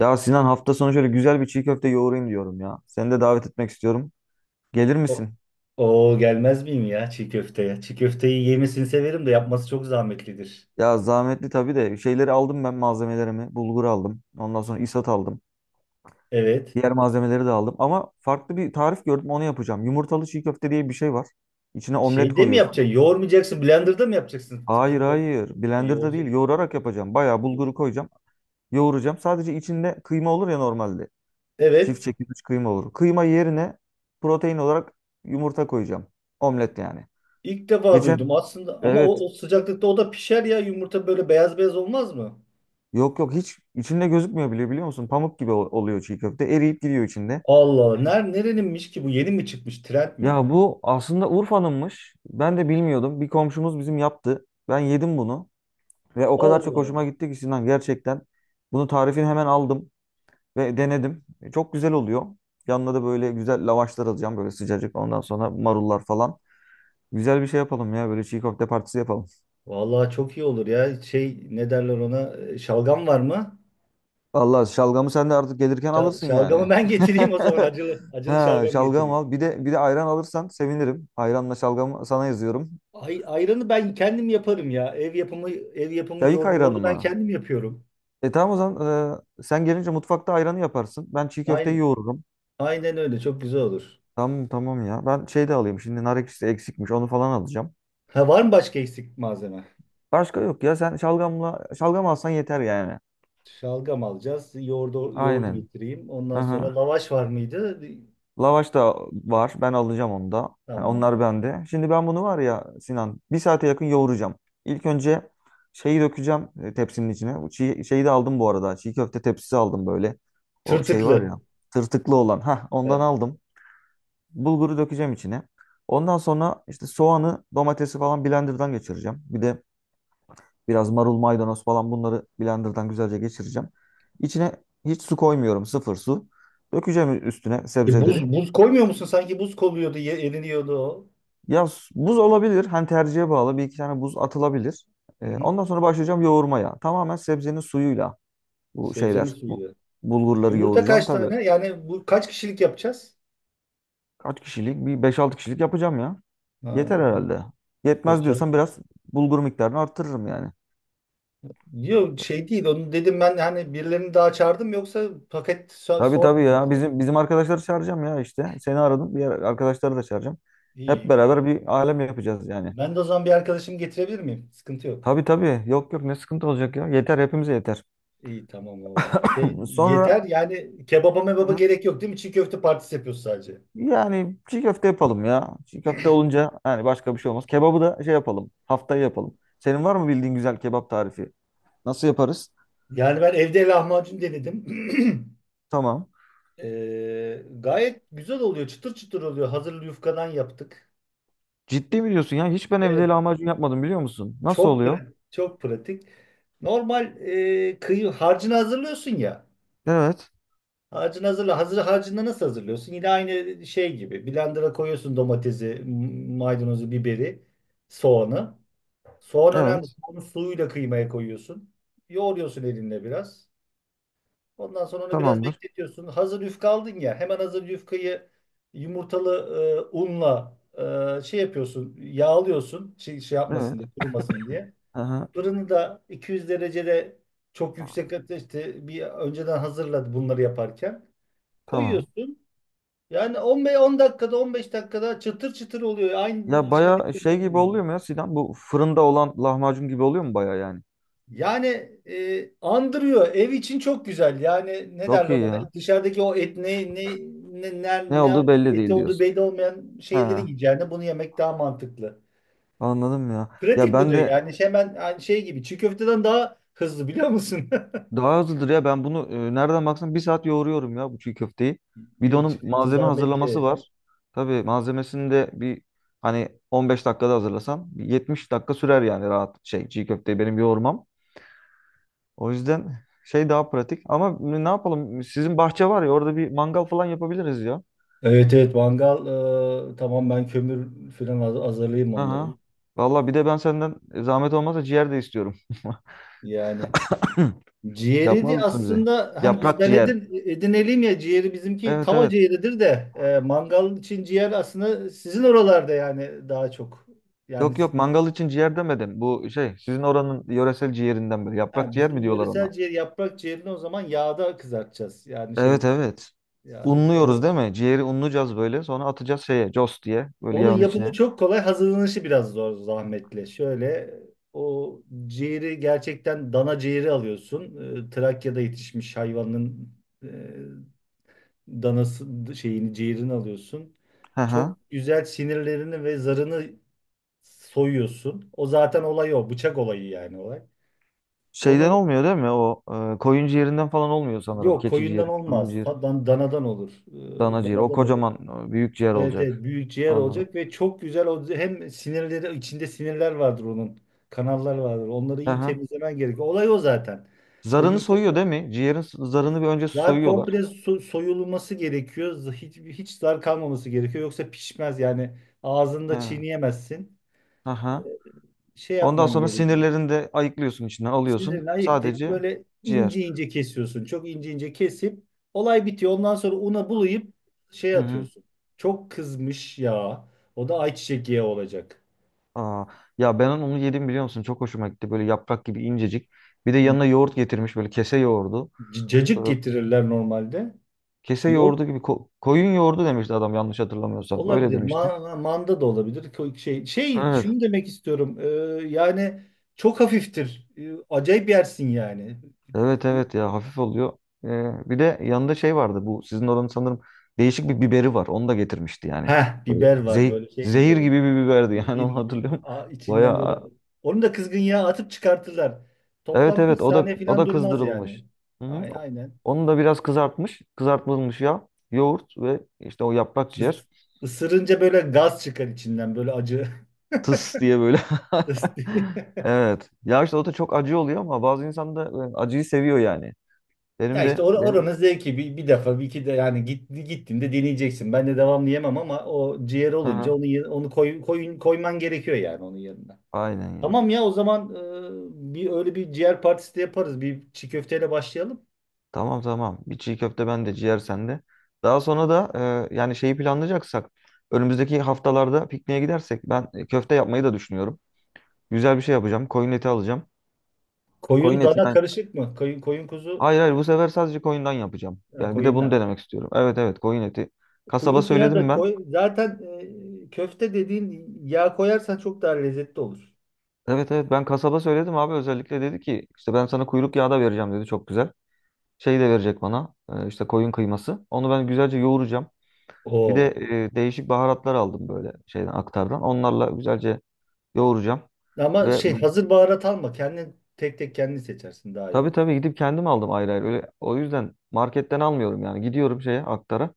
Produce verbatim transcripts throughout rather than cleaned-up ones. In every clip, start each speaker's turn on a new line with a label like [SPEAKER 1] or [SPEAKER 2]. [SPEAKER 1] Ya Sinan hafta sonu şöyle güzel bir çiğ köfte yoğurayım diyorum ya. Seni de davet etmek istiyorum. Gelir
[SPEAKER 2] O
[SPEAKER 1] misin?
[SPEAKER 2] Oo, gelmez miyim ya çiğ köfteye? Çiğ köfteyi yemesini severim de yapması çok zahmetlidir.
[SPEAKER 1] Ya zahmetli tabii de şeyleri aldım ben malzemelerimi. Bulgur aldım. Ondan sonra isat aldım.
[SPEAKER 2] Evet.
[SPEAKER 1] Diğer malzemeleri de aldım. Ama farklı bir tarif gördüm onu yapacağım. Yumurtalı çiğ köfte diye bir şey var. İçine omlet
[SPEAKER 2] Şeyde mi
[SPEAKER 1] koyuyorsun.
[SPEAKER 2] yapacaksın? Yoğurmayacaksın. Blender'da mı yapacaksın? Tıkıl
[SPEAKER 1] Hayır
[SPEAKER 2] tıkıl.
[SPEAKER 1] hayır.
[SPEAKER 2] Ha,
[SPEAKER 1] Blender'da değil.
[SPEAKER 2] yoğuracak.
[SPEAKER 1] Yoğurarak yapacağım. Bayağı bulguru koyacağım. Yoğuracağım. Sadece içinde kıyma olur ya normalde.
[SPEAKER 2] Evet.
[SPEAKER 1] Çift çekilmiş kıyma olur. Kıyma yerine protein olarak yumurta koyacağım. Omlet yani.
[SPEAKER 2] İlk defa
[SPEAKER 1] Geçen.
[SPEAKER 2] duydum aslında ama
[SPEAKER 1] Evet.
[SPEAKER 2] o, o sıcaklıkta o da pişer ya yumurta böyle beyaz beyaz olmaz mı?
[SPEAKER 1] Yok yok, hiç içinde gözükmüyor bile biliyor musun? Pamuk gibi ol- oluyor çiğ köfte. Eriyip gidiyor içinde.
[SPEAKER 2] Allah Allah. Ner, nereninmiş ki bu? Yeni mi çıkmış? Trend mi?
[SPEAKER 1] Ya bu aslında Urfa'nınmış. Ben de bilmiyordum. Bir komşumuz bizim yaptı. Ben yedim bunu ve o
[SPEAKER 2] Allah
[SPEAKER 1] kadar çok
[SPEAKER 2] Allah.
[SPEAKER 1] hoşuma gitti ki Sinan gerçekten. Bunu tarifini hemen aldım ve denedim. E, Çok güzel oluyor. Yanına da böyle güzel lavaşlar alacağım böyle sıcacık. Ondan sonra marullar falan. Güzel bir şey yapalım ya böyle çiğ köfte partisi yapalım.
[SPEAKER 2] Vallahi çok iyi olur ya. Şey, ne derler ona? E, Şalgam var mı?
[SPEAKER 1] Vallahi şalgamı sen de artık gelirken
[SPEAKER 2] Şal-
[SPEAKER 1] alırsın yani.
[SPEAKER 2] şalgamı ben getireyim o zaman, acılı. Acılı
[SPEAKER 1] Ha,
[SPEAKER 2] şalgam
[SPEAKER 1] şalgam
[SPEAKER 2] getireyim.
[SPEAKER 1] al. Bir de bir de ayran alırsan sevinirim. Ayranla şalgamı sana yazıyorum.
[SPEAKER 2] Ay, ayranı ben kendim yaparım ya. Ev yapımı ev
[SPEAKER 1] Ya
[SPEAKER 2] yapımı
[SPEAKER 1] ilk
[SPEAKER 2] yoğurdu,
[SPEAKER 1] ayranı
[SPEAKER 2] yoğurdu ben
[SPEAKER 1] mı?
[SPEAKER 2] kendim yapıyorum.
[SPEAKER 1] E tamam o zaman e, sen gelince mutfakta ayranı yaparsın. Ben çiğ köfteyi
[SPEAKER 2] Aynen,
[SPEAKER 1] yoğururum.
[SPEAKER 2] aynen öyle, çok güzel olur.
[SPEAKER 1] Tamam tamam ya. Ben şey de alayım. Şimdi nar ekşisi eksikmiş. Onu falan alacağım.
[SPEAKER 2] Ha, var mı başka eksik malzeme?
[SPEAKER 1] Başka yok ya. Sen şalgamla şalgam alsan yeter yani.
[SPEAKER 2] Şalgam alacağız. Yoğurdu, yoğurdu
[SPEAKER 1] Aynen.
[SPEAKER 2] getireyim. Ondan sonra
[SPEAKER 1] Aha.
[SPEAKER 2] lavaş var mıydı?
[SPEAKER 1] Lavaş da var. Ben alacağım onu da. Yani
[SPEAKER 2] Tamam.
[SPEAKER 1] onlar bende. Şimdi ben bunu var ya Sinan bir saate yakın yoğuracağım. İlk önce şeyi dökeceğim e, tepsinin içine. Bu Çiğ, şeyi de aldım bu arada. Çiğ köfte tepsisi aldım böyle. O şey var
[SPEAKER 2] Tırtıklı.
[SPEAKER 1] ya tırtıklı olan. Hah ondan
[SPEAKER 2] Evet.
[SPEAKER 1] aldım. Bulguru dökeceğim içine. Ondan sonra işte soğanı, domatesi falan blenderdan geçireceğim. Bir de biraz marul, maydanoz falan bunları blenderdan güzelce geçireceğim. İçine hiç su koymuyorum. Sıfır su. Dökeceğim üstüne
[SPEAKER 2] E, buz,
[SPEAKER 1] sebzeleri.
[SPEAKER 2] buz koymuyor musun? Sanki buz koyuyordu, ye- eriniyordu o.
[SPEAKER 1] Ya s- buz olabilir. Hani tercihe bağlı. Bir iki tane buz atılabilir. Ee,
[SPEAKER 2] Hı hı.
[SPEAKER 1] ondan sonra başlayacağım yoğurmaya. Tamamen sebzenin suyuyla bu
[SPEAKER 2] Sebzenin
[SPEAKER 1] şeyler, bu
[SPEAKER 2] suyuydu. E,
[SPEAKER 1] bulgurları
[SPEAKER 2] Yumurta
[SPEAKER 1] yoğuracağım.
[SPEAKER 2] kaç
[SPEAKER 1] Tabii
[SPEAKER 2] tane? Yani bu kaç kişilik yapacağız?
[SPEAKER 1] kaç kişilik? Bir beş altı kişilik yapacağım ya.
[SPEAKER 2] Ha,
[SPEAKER 1] Yeter herhalde. Yetmez
[SPEAKER 2] beş.
[SPEAKER 1] diyorsan biraz bulgur miktarını arttırırım yani.
[SPEAKER 2] Yok şey değil, onu dedim ben, hani birilerini daha çağırdım yoksa paket so-
[SPEAKER 1] Tabii
[SPEAKER 2] sonra
[SPEAKER 1] tabii ya.
[SPEAKER 2] dedim.
[SPEAKER 1] Bizim bizim arkadaşları çağıracağım ya işte. Seni aradım. Diğer arkadaşları da çağıracağım. Hep
[SPEAKER 2] İyi. Güzel.
[SPEAKER 1] beraber bir alem yapacağız yani.
[SPEAKER 2] Ben de o zaman bir arkadaşımı getirebilir miyim? Sıkıntı yok.
[SPEAKER 1] Tabii tabii. Yok yok, ne sıkıntı olacak ya. Yeter hepimize yeter.
[SPEAKER 2] İyi, tamam oldu. Şey,
[SPEAKER 1] Sonra.
[SPEAKER 2] yeter yani, kebaba mebaba
[SPEAKER 1] Hı.
[SPEAKER 2] gerek yok değil mi? Çiğ köfte partisi yapıyoruz sadece.
[SPEAKER 1] Yani çiğ köfte yapalım ya. Çiğ köfte olunca yani başka bir şey olmaz. Kebabı da şey yapalım. Haftaya yapalım. Senin var mı bildiğin güzel kebap tarifi? Nasıl yaparız?
[SPEAKER 2] Yani ben evde lahmacun denedim.
[SPEAKER 1] Tamam.
[SPEAKER 2] Ee, gayet güzel oluyor. Çıtır çıtır oluyor. Hazır yufkadan yaptık.
[SPEAKER 1] Ciddi mi diyorsun ya? Hiç ben
[SPEAKER 2] Evet.
[SPEAKER 1] evde lahmacun yapmadım biliyor musun? Nasıl
[SPEAKER 2] Çok
[SPEAKER 1] oluyor?
[SPEAKER 2] pratik. Çok pratik. Normal e, kıyı harcını hazırlıyorsun ya.
[SPEAKER 1] Evet.
[SPEAKER 2] Harcını hazırla. Hazır, harcını nasıl hazırlıyorsun? Yine aynı şey gibi. Blender'a koyuyorsun domatesi, m- maydanozu, biberi, soğanı. Soğan önemli.
[SPEAKER 1] Evet.
[SPEAKER 2] Soğanı suyuyla kıymaya koyuyorsun. Yoğuruyorsun elinle biraz. Ondan sonra onu biraz
[SPEAKER 1] Tamamdır.
[SPEAKER 2] bekletiyorsun. Hazır yufka aldın ya. Hemen hazır yufkayı yumurtalı e, unla e, şey yapıyorsun. Yağlıyorsun. Şey, şey yapmasın
[SPEAKER 1] Evet.
[SPEAKER 2] diye, kurumasın diye.
[SPEAKER 1] Aha,
[SPEAKER 2] Fırını da iki yüz derecede, çok yüksek ateşte bir önceden hazırladı bunları yaparken.
[SPEAKER 1] tamam.
[SPEAKER 2] Koyuyorsun. Yani on beş on dakikada, on beş dakikada çıtır çıtır oluyor.
[SPEAKER 1] Ya
[SPEAKER 2] Aynı dışarıdaki
[SPEAKER 1] baya şey
[SPEAKER 2] döner
[SPEAKER 1] gibi
[SPEAKER 2] gibi.
[SPEAKER 1] oluyor mu ya Sinan? Bu fırında olan lahmacun gibi oluyor mu baya yani?
[SPEAKER 2] Yani e, andırıyor. Ev için çok güzel. Yani ne
[SPEAKER 1] Çok
[SPEAKER 2] derler
[SPEAKER 1] iyi
[SPEAKER 2] ona?
[SPEAKER 1] ya.
[SPEAKER 2] Dışarıdaki o et, ne ne ne ne,
[SPEAKER 1] Ne
[SPEAKER 2] ne
[SPEAKER 1] olduğu belli
[SPEAKER 2] eti
[SPEAKER 1] değil
[SPEAKER 2] olduğu
[SPEAKER 1] diyorsun.
[SPEAKER 2] belli olmayan
[SPEAKER 1] He,
[SPEAKER 2] şeyleri yiyeceğine yani bunu yemek daha mantıklı.
[SPEAKER 1] anladım ya. Ya
[SPEAKER 2] Pratik bu
[SPEAKER 1] ben
[SPEAKER 2] diyor.
[SPEAKER 1] de.
[SPEAKER 2] Yani şey hemen, yani şey gibi, çiğ köfteden daha hızlı biliyor musun?
[SPEAKER 1] Daha hızlıdır ya ben bunu e, nereden baksan bir saat yoğuruyorum ya bu çiğ köfteyi. Bir de
[SPEAKER 2] Yok,
[SPEAKER 1] onun
[SPEAKER 2] çiğ köfte
[SPEAKER 1] malzeme hazırlaması
[SPEAKER 2] zahmetli.
[SPEAKER 1] var. Tabii malzemesini de bir hani on beş dakikada hazırlasan bir yetmiş dakika sürer yani rahat şey çiğ köfteyi benim yoğurmam. O yüzden şey daha pratik ama ne yapalım sizin bahçe var ya orada bir mangal falan yapabiliriz ya.
[SPEAKER 2] Evet, evet, mangal. E, tamam, ben kömür falan haz- hazırlayayım
[SPEAKER 1] Hı hı.
[SPEAKER 2] onların.
[SPEAKER 1] Valla bir de ben senden e, zahmet olmazsa ciğer de istiyorum.
[SPEAKER 2] Yani ciğeri
[SPEAKER 1] Yapmaz
[SPEAKER 2] de
[SPEAKER 1] mısın bize?
[SPEAKER 2] aslında hani biz
[SPEAKER 1] Yaprak
[SPEAKER 2] ben
[SPEAKER 1] ciğer.
[SPEAKER 2] edin, edinelim ya, ciğeri bizimki
[SPEAKER 1] Evet
[SPEAKER 2] tava
[SPEAKER 1] evet.
[SPEAKER 2] ciğeridir de e, mangal için ciğer aslında sizin oralarda yani daha çok. Yani
[SPEAKER 1] Yok yok,
[SPEAKER 2] sizin,
[SPEAKER 1] mangal için ciğer demedim. Bu şey sizin oranın yöresel ciğerinden biri. Yaprak
[SPEAKER 2] ha,
[SPEAKER 1] ciğer mi
[SPEAKER 2] bizim
[SPEAKER 1] diyorlar ona?
[SPEAKER 2] yöresel ciğer, yaprak ciğerini o zaman yağda kızartacağız. Yani
[SPEAKER 1] Evet
[SPEAKER 2] şeyde
[SPEAKER 1] evet.
[SPEAKER 2] yağda kızart.
[SPEAKER 1] Unluyoruz
[SPEAKER 2] O,
[SPEAKER 1] değil mi? Ciğeri unlayacağız böyle. Sonra atacağız şeye. Cos diye. Böyle
[SPEAKER 2] onun
[SPEAKER 1] yağın
[SPEAKER 2] yapımı
[SPEAKER 1] içine.
[SPEAKER 2] çok kolay, hazırlanışı biraz zor, zahmetli. Şöyle, o ciğeri gerçekten dana ciğeri alıyorsun. E, Trakya'da yetişmiş hayvanın e, danası, şeyini ciğerini alıyorsun.
[SPEAKER 1] Hı hı.
[SPEAKER 2] Çok güzel sinirlerini ve zarını soyuyorsun. O zaten olay o. Bıçak olayı yani, olay.
[SPEAKER 1] Şeyden
[SPEAKER 2] Onu
[SPEAKER 1] olmuyor değil mi? O e, koyun ciğerinden falan olmuyor sanırım.
[SPEAKER 2] yok
[SPEAKER 1] Keçi
[SPEAKER 2] koyundan
[SPEAKER 1] ciğeri, koyun
[SPEAKER 2] olmaz.
[SPEAKER 1] ciğeri,
[SPEAKER 2] Tadan, danadan olur.
[SPEAKER 1] dana
[SPEAKER 2] Ee,
[SPEAKER 1] ciğeri. O
[SPEAKER 2] Danadan olur.
[SPEAKER 1] kocaman e, büyük ciğer
[SPEAKER 2] Evet,
[SPEAKER 1] olacak.
[SPEAKER 2] evet, büyük ciğer
[SPEAKER 1] Anladım.
[SPEAKER 2] olacak ve çok güzel o, hem sinirleri, içinde sinirler vardır onun. Kanallar vardır. Onları
[SPEAKER 1] Hı
[SPEAKER 2] iyi
[SPEAKER 1] hı.
[SPEAKER 2] temizlemen gerekiyor. Olay o zaten. O
[SPEAKER 1] Zarını
[SPEAKER 2] yumuşak.
[SPEAKER 1] soyuyor değil mi? Ciğerin s- zarını bir önce
[SPEAKER 2] Zar
[SPEAKER 1] soyuyorlar.
[SPEAKER 2] komple so- soyulması gerekiyor. Hiç, hiç zar kalmaması gerekiyor. Yoksa pişmez yani.
[SPEAKER 1] He.
[SPEAKER 2] Ağzında
[SPEAKER 1] Hı
[SPEAKER 2] çiğneyemezsin.
[SPEAKER 1] hı.
[SPEAKER 2] Şey
[SPEAKER 1] Ondan
[SPEAKER 2] yapman
[SPEAKER 1] sonra
[SPEAKER 2] gerekiyor.
[SPEAKER 1] sinirlerini de ayıklıyorsun içinden alıyorsun.
[SPEAKER 2] Sinirini ayıklayıp
[SPEAKER 1] Sadece
[SPEAKER 2] böyle
[SPEAKER 1] ciğer.
[SPEAKER 2] ince ince kesiyorsun. Çok ince ince kesip olay bitiyor. Ondan sonra una bulayıp şey
[SPEAKER 1] Hı hı.
[SPEAKER 2] atıyorsun. Çok kızmış ya. O da ayçiçek yağı olacak.
[SPEAKER 1] Aa, ya ben onu yedim biliyor musun? Çok hoşuma gitti. Böyle yaprak gibi incecik. Bir de yanına yoğurt getirmiş böyle kese yoğurdu.
[SPEAKER 2] C-
[SPEAKER 1] Ee,
[SPEAKER 2] Cacık getirirler normalde.
[SPEAKER 1] kese
[SPEAKER 2] Yoğurt
[SPEAKER 1] yoğurdu gibi ko- koyun yoğurdu demişti adam yanlış hatırlamıyorsam. Öyle
[SPEAKER 2] olabilir.
[SPEAKER 1] demişti.
[SPEAKER 2] Ma- manda da olabilir. Ko- Şey, şey,
[SPEAKER 1] Evet.
[SPEAKER 2] şunu demek istiyorum. Ee, yani çok hafiftir. Ee, acayip yersin yani.
[SPEAKER 1] Evet evet ya, hafif oluyor. Ee, bir de yanında şey vardı bu sizin oranın sanırım değişik bir biberi var. Onu da getirmişti yani.
[SPEAKER 2] Heh,
[SPEAKER 1] Böyle
[SPEAKER 2] biber var,
[SPEAKER 1] zeh-
[SPEAKER 2] böyle şey
[SPEAKER 1] zehir
[SPEAKER 2] biberi.
[SPEAKER 1] gibi bir biberdi, yani
[SPEAKER 2] Zehir
[SPEAKER 1] onu
[SPEAKER 2] gibi.
[SPEAKER 1] hatırlıyorum.
[SPEAKER 2] A- içinden böyle.
[SPEAKER 1] Baya.
[SPEAKER 2] Onu da kızgın yağa atıp çıkartırlar.
[SPEAKER 1] Evet
[SPEAKER 2] Toplam kırk
[SPEAKER 1] evet, o da
[SPEAKER 2] saniye
[SPEAKER 1] o
[SPEAKER 2] falan
[SPEAKER 1] da
[SPEAKER 2] durmaz yani.
[SPEAKER 1] kızdırılmış. Hı hı.
[SPEAKER 2] Ay- Aynen.
[SPEAKER 1] Onu da biraz kızartmış. Kızartılmış yağ, yoğurt ve işte o yaprak ciğer.
[SPEAKER 2] Is- Isırınca böyle gaz çıkar içinden, böyle acı.
[SPEAKER 1] Tıs diye böyle. Evet. Ya işte o da çok acı oluyor ama bazı insan da e, acıyı seviyor yani.
[SPEAKER 2] Ya
[SPEAKER 1] Benim
[SPEAKER 2] işte
[SPEAKER 1] de
[SPEAKER 2] or
[SPEAKER 1] benim.
[SPEAKER 2] oranın zevki, bir, bir defa, bir iki de yani git gittiğinde deneyeceksin. Ben de devamlı yemem ama o ciğer
[SPEAKER 1] Hı
[SPEAKER 2] olunca
[SPEAKER 1] hı.
[SPEAKER 2] onu ye- onu koy, koy koyman gerekiyor yani onun yanına.
[SPEAKER 1] Aynen ya.
[SPEAKER 2] Tamam ya, o zaman e, bir, öyle bir ciğer partisi de yaparız. Bir çiğ köfteyle başlayalım.
[SPEAKER 1] Tamam tamam. Bir çiğ köfte bende, ciğer sende. Daha sonra da e, yani şeyi planlayacaksak önümüzdeki haftalarda pikniğe gidersek ben e, köfte yapmayı da düşünüyorum. Güzel bir şey yapacağım. Koyun eti alacağım. Koyun
[SPEAKER 2] Koyun dana
[SPEAKER 1] etinden.
[SPEAKER 2] karışık mı? Koyun, koyun, kuzu,
[SPEAKER 1] Hayır hayır, bu sefer sadece koyundan yapacağım.
[SPEAKER 2] ha,
[SPEAKER 1] Yani bir de
[SPEAKER 2] koyun,
[SPEAKER 1] bunu
[SPEAKER 2] dana.
[SPEAKER 1] denemek istiyorum. Evet evet, koyun eti. Kasaba
[SPEAKER 2] Kuyruk yağı da
[SPEAKER 1] söyledim ben.
[SPEAKER 2] koy. Zaten e, köfte dediğin, yağ koyarsan çok daha lezzetli olur.
[SPEAKER 1] Evet evet, ben kasaba söyledim abi, özellikle dedi ki işte ben sana kuyruk yağı da vereceğim dedi, çok güzel. Şey de verecek bana e, işte koyun kıyması. Onu ben güzelce yoğuracağım. Bir de
[SPEAKER 2] Oo.
[SPEAKER 1] e, değişik baharatlar aldım böyle şeyden aktardan. Onlarla güzelce yoğuracağım.
[SPEAKER 2] Ama şey,
[SPEAKER 1] Ve bir-
[SPEAKER 2] hazır baharat alma. Kendin tek tek, kendin seçersin, daha iyi
[SPEAKER 1] tabii
[SPEAKER 2] olur.
[SPEAKER 1] tabii gidip kendim aldım ayrı ayrı. Öyle, o yüzden marketten almıyorum yani. Gidiyorum şeye aktara.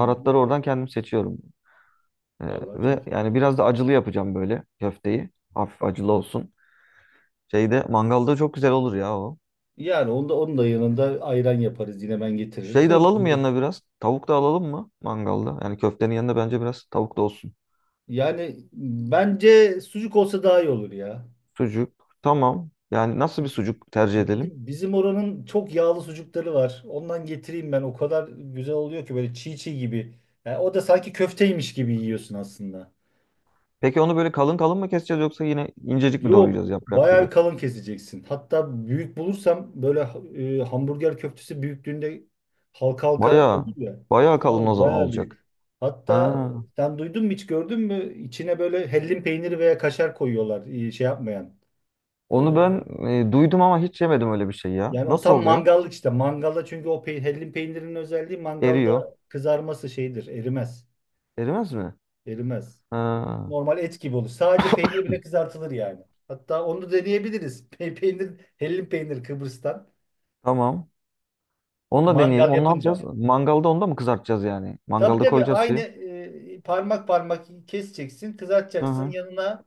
[SPEAKER 2] Hı hı.
[SPEAKER 1] oradan kendim seçiyorum. Ee,
[SPEAKER 2] Vallahi
[SPEAKER 1] ve
[SPEAKER 2] çok iyi.
[SPEAKER 1] yani biraz da acılı yapacağım böyle köfteyi. Hafif acılı olsun. Şeyde mangalda çok güzel olur ya o.
[SPEAKER 2] Yani onda, onun da yanında ayran yaparız, yine ben getiririm.
[SPEAKER 1] Şey de
[SPEAKER 2] Tabii
[SPEAKER 1] alalım mı
[SPEAKER 2] ki.
[SPEAKER 1] yanına biraz. Tavuk da alalım mı mangalda? Yani köftenin yanında bence biraz tavuk da olsun.
[SPEAKER 2] Yani bence sucuk olsa daha iyi olur ya.
[SPEAKER 1] Sucuk. Tamam. Yani nasıl bir
[SPEAKER 2] Sucuk.
[SPEAKER 1] sucuk tercih edelim?
[SPEAKER 2] Bizim, bizim oranın çok yağlı sucukları var. Ondan getireyim ben. O kadar güzel oluyor ki, böyle çiğ çiğ gibi. Yani o da sanki köfteymiş gibi yiyorsun aslında.
[SPEAKER 1] Peki onu böyle kalın kalın mı keseceğiz yoksa yine incecik mi
[SPEAKER 2] Yok.
[SPEAKER 1] doğrayacağız yaprak
[SPEAKER 2] Bayağı
[SPEAKER 1] gibi?
[SPEAKER 2] bir kalın keseceksin. Hatta büyük bulursam böyle e, hamburger köftesi büyüklüğünde, halka halka
[SPEAKER 1] Bayağı,
[SPEAKER 2] olur ya.
[SPEAKER 1] bayağı kalın o
[SPEAKER 2] Abi
[SPEAKER 1] zaman
[SPEAKER 2] bayağı
[SPEAKER 1] olacak.
[SPEAKER 2] büyük. Hatta
[SPEAKER 1] Ha,
[SPEAKER 2] sen duydun mu, hiç gördün mü? İçine böyle hellim peyniri veya kaşar koyuyorlar, e, şey yapmayan. E,
[SPEAKER 1] onu ben e, duydum ama hiç yemedim öyle bir şey ya.
[SPEAKER 2] yani o
[SPEAKER 1] Nasıl
[SPEAKER 2] tam
[SPEAKER 1] oluyor?
[SPEAKER 2] mangallık işte. Mangalda, çünkü o pe hellim peynirinin özelliği,
[SPEAKER 1] Eriyor.
[SPEAKER 2] mangalda kızarması şeydir. Erimez.
[SPEAKER 1] Erimez mi?
[SPEAKER 2] Erimez.
[SPEAKER 1] Ha,
[SPEAKER 2] Normal et gibi olur. Sadece peynir bile kızartılır yani. Hatta onu da deneyebiliriz. Pe- Peynir, hellim peynir Kıbrıs'tan.
[SPEAKER 1] tamam. Onu da deneyelim.
[SPEAKER 2] Mangal
[SPEAKER 1] Onu ne yapacağız?
[SPEAKER 2] yapınca.
[SPEAKER 1] Mangalda onu da mı kızartacağız yani?
[SPEAKER 2] Tabii,
[SPEAKER 1] Mangalda
[SPEAKER 2] tabii,
[SPEAKER 1] koyacağız
[SPEAKER 2] aynı
[SPEAKER 1] şeyi.
[SPEAKER 2] e, parmak parmak keseceksin,
[SPEAKER 1] Hı
[SPEAKER 2] kızartacaksın.
[SPEAKER 1] hı.
[SPEAKER 2] Yanına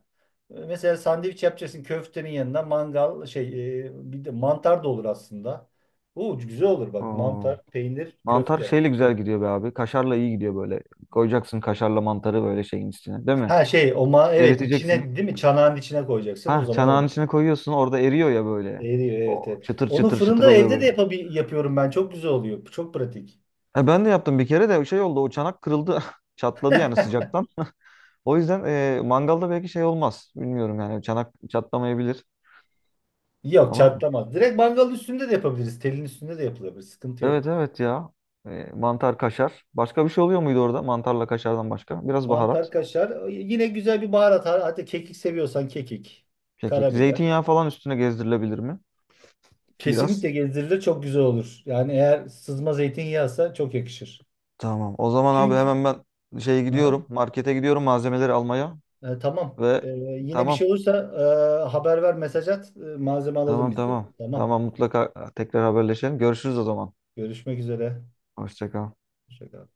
[SPEAKER 2] e, mesela sandviç yapacaksın köftenin yanına, mangal şey, e, bir de mantar da olur aslında. Oo, güzel olur bak:
[SPEAKER 1] Oo.
[SPEAKER 2] mantar, peynir,
[SPEAKER 1] Mantar
[SPEAKER 2] köfte.
[SPEAKER 1] şeyle güzel gidiyor be abi. Kaşarla iyi gidiyor böyle. Koyacaksın kaşarla mantarı böyle şeyin içine, değil mi?
[SPEAKER 2] Ha şey, o ma evet,
[SPEAKER 1] Eriteceksin.
[SPEAKER 2] içine, değil mi, çanağın içine koyacaksın, o
[SPEAKER 1] Ha,
[SPEAKER 2] zaman
[SPEAKER 1] çanağın
[SPEAKER 2] olur.
[SPEAKER 1] içine koyuyorsun. Orada eriyor ya böyle.
[SPEAKER 2] Eriyor, evet
[SPEAKER 1] O
[SPEAKER 2] evet.
[SPEAKER 1] çıtır
[SPEAKER 2] Onu
[SPEAKER 1] çıtır çıtır
[SPEAKER 2] fırında
[SPEAKER 1] oluyor
[SPEAKER 2] evde de
[SPEAKER 1] böyle.
[SPEAKER 2] yapabil yapıyorum ben. Çok güzel oluyor. Çok pratik.
[SPEAKER 1] E, ben de yaptım bir kere de şey oldu. O çanak kırıldı. Çatladı yani sıcaktan. O yüzden e, mangalda belki şey olmaz. Bilmiyorum yani çanak çatlamayabilir.
[SPEAKER 2] Yok,
[SPEAKER 1] Ama.
[SPEAKER 2] çatlamaz. Direkt mangalın üstünde de yapabiliriz. Telin üstünde de yapılabilir. Sıkıntı
[SPEAKER 1] Evet
[SPEAKER 2] yok.
[SPEAKER 1] evet ya. E, mantar, kaşar. Başka bir şey oluyor muydu orada? Mantarla kaşardan başka. Biraz
[SPEAKER 2] Mantar,
[SPEAKER 1] baharat.
[SPEAKER 2] kaşar. Yine güzel bir baharat. Hatta kekik seviyorsan kekik,
[SPEAKER 1] Kekik.
[SPEAKER 2] karabiber.
[SPEAKER 1] Zeytinyağı falan üstüne gezdirilebilir mi? Biraz.
[SPEAKER 2] Kesinlikle gezdirilir, çok güzel olur. Yani eğer sızma zeytinyağısa çok yakışır.
[SPEAKER 1] Tamam. O zaman abi
[SPEAKER 2] Çünkü.
[SPEAKER 1] hemen ben şeye
[SPEAKER 2] Aha.
[SPEAKER 1] gidiyorum. Markete gidiyorum malzemeleri almaya.
[SPEAKER 2] E, tamam.
[SPEAKER 1] Ve
[SPEAKER 2] E, yine bir şey
[SPEAKER 1] tamam.
[SPEAKER 2] olursa e, haber ver, mesaj at. E, malzeme alalım
[SPEAKER 1] Tamam
[SPEAKER 2] biz de.
[SPEAKER 1] tamam.
[SPEAKER 2] Tamam.
[SPEAKER 1] Tamam mutlaka tekrar haberleşelim. Görüşürüz o zaman.
[SPEAKER 2] Görüşmek üzere.
[SPEAKER 1] Hoşça kal.
[SPEAKER 2] Hoşça kal.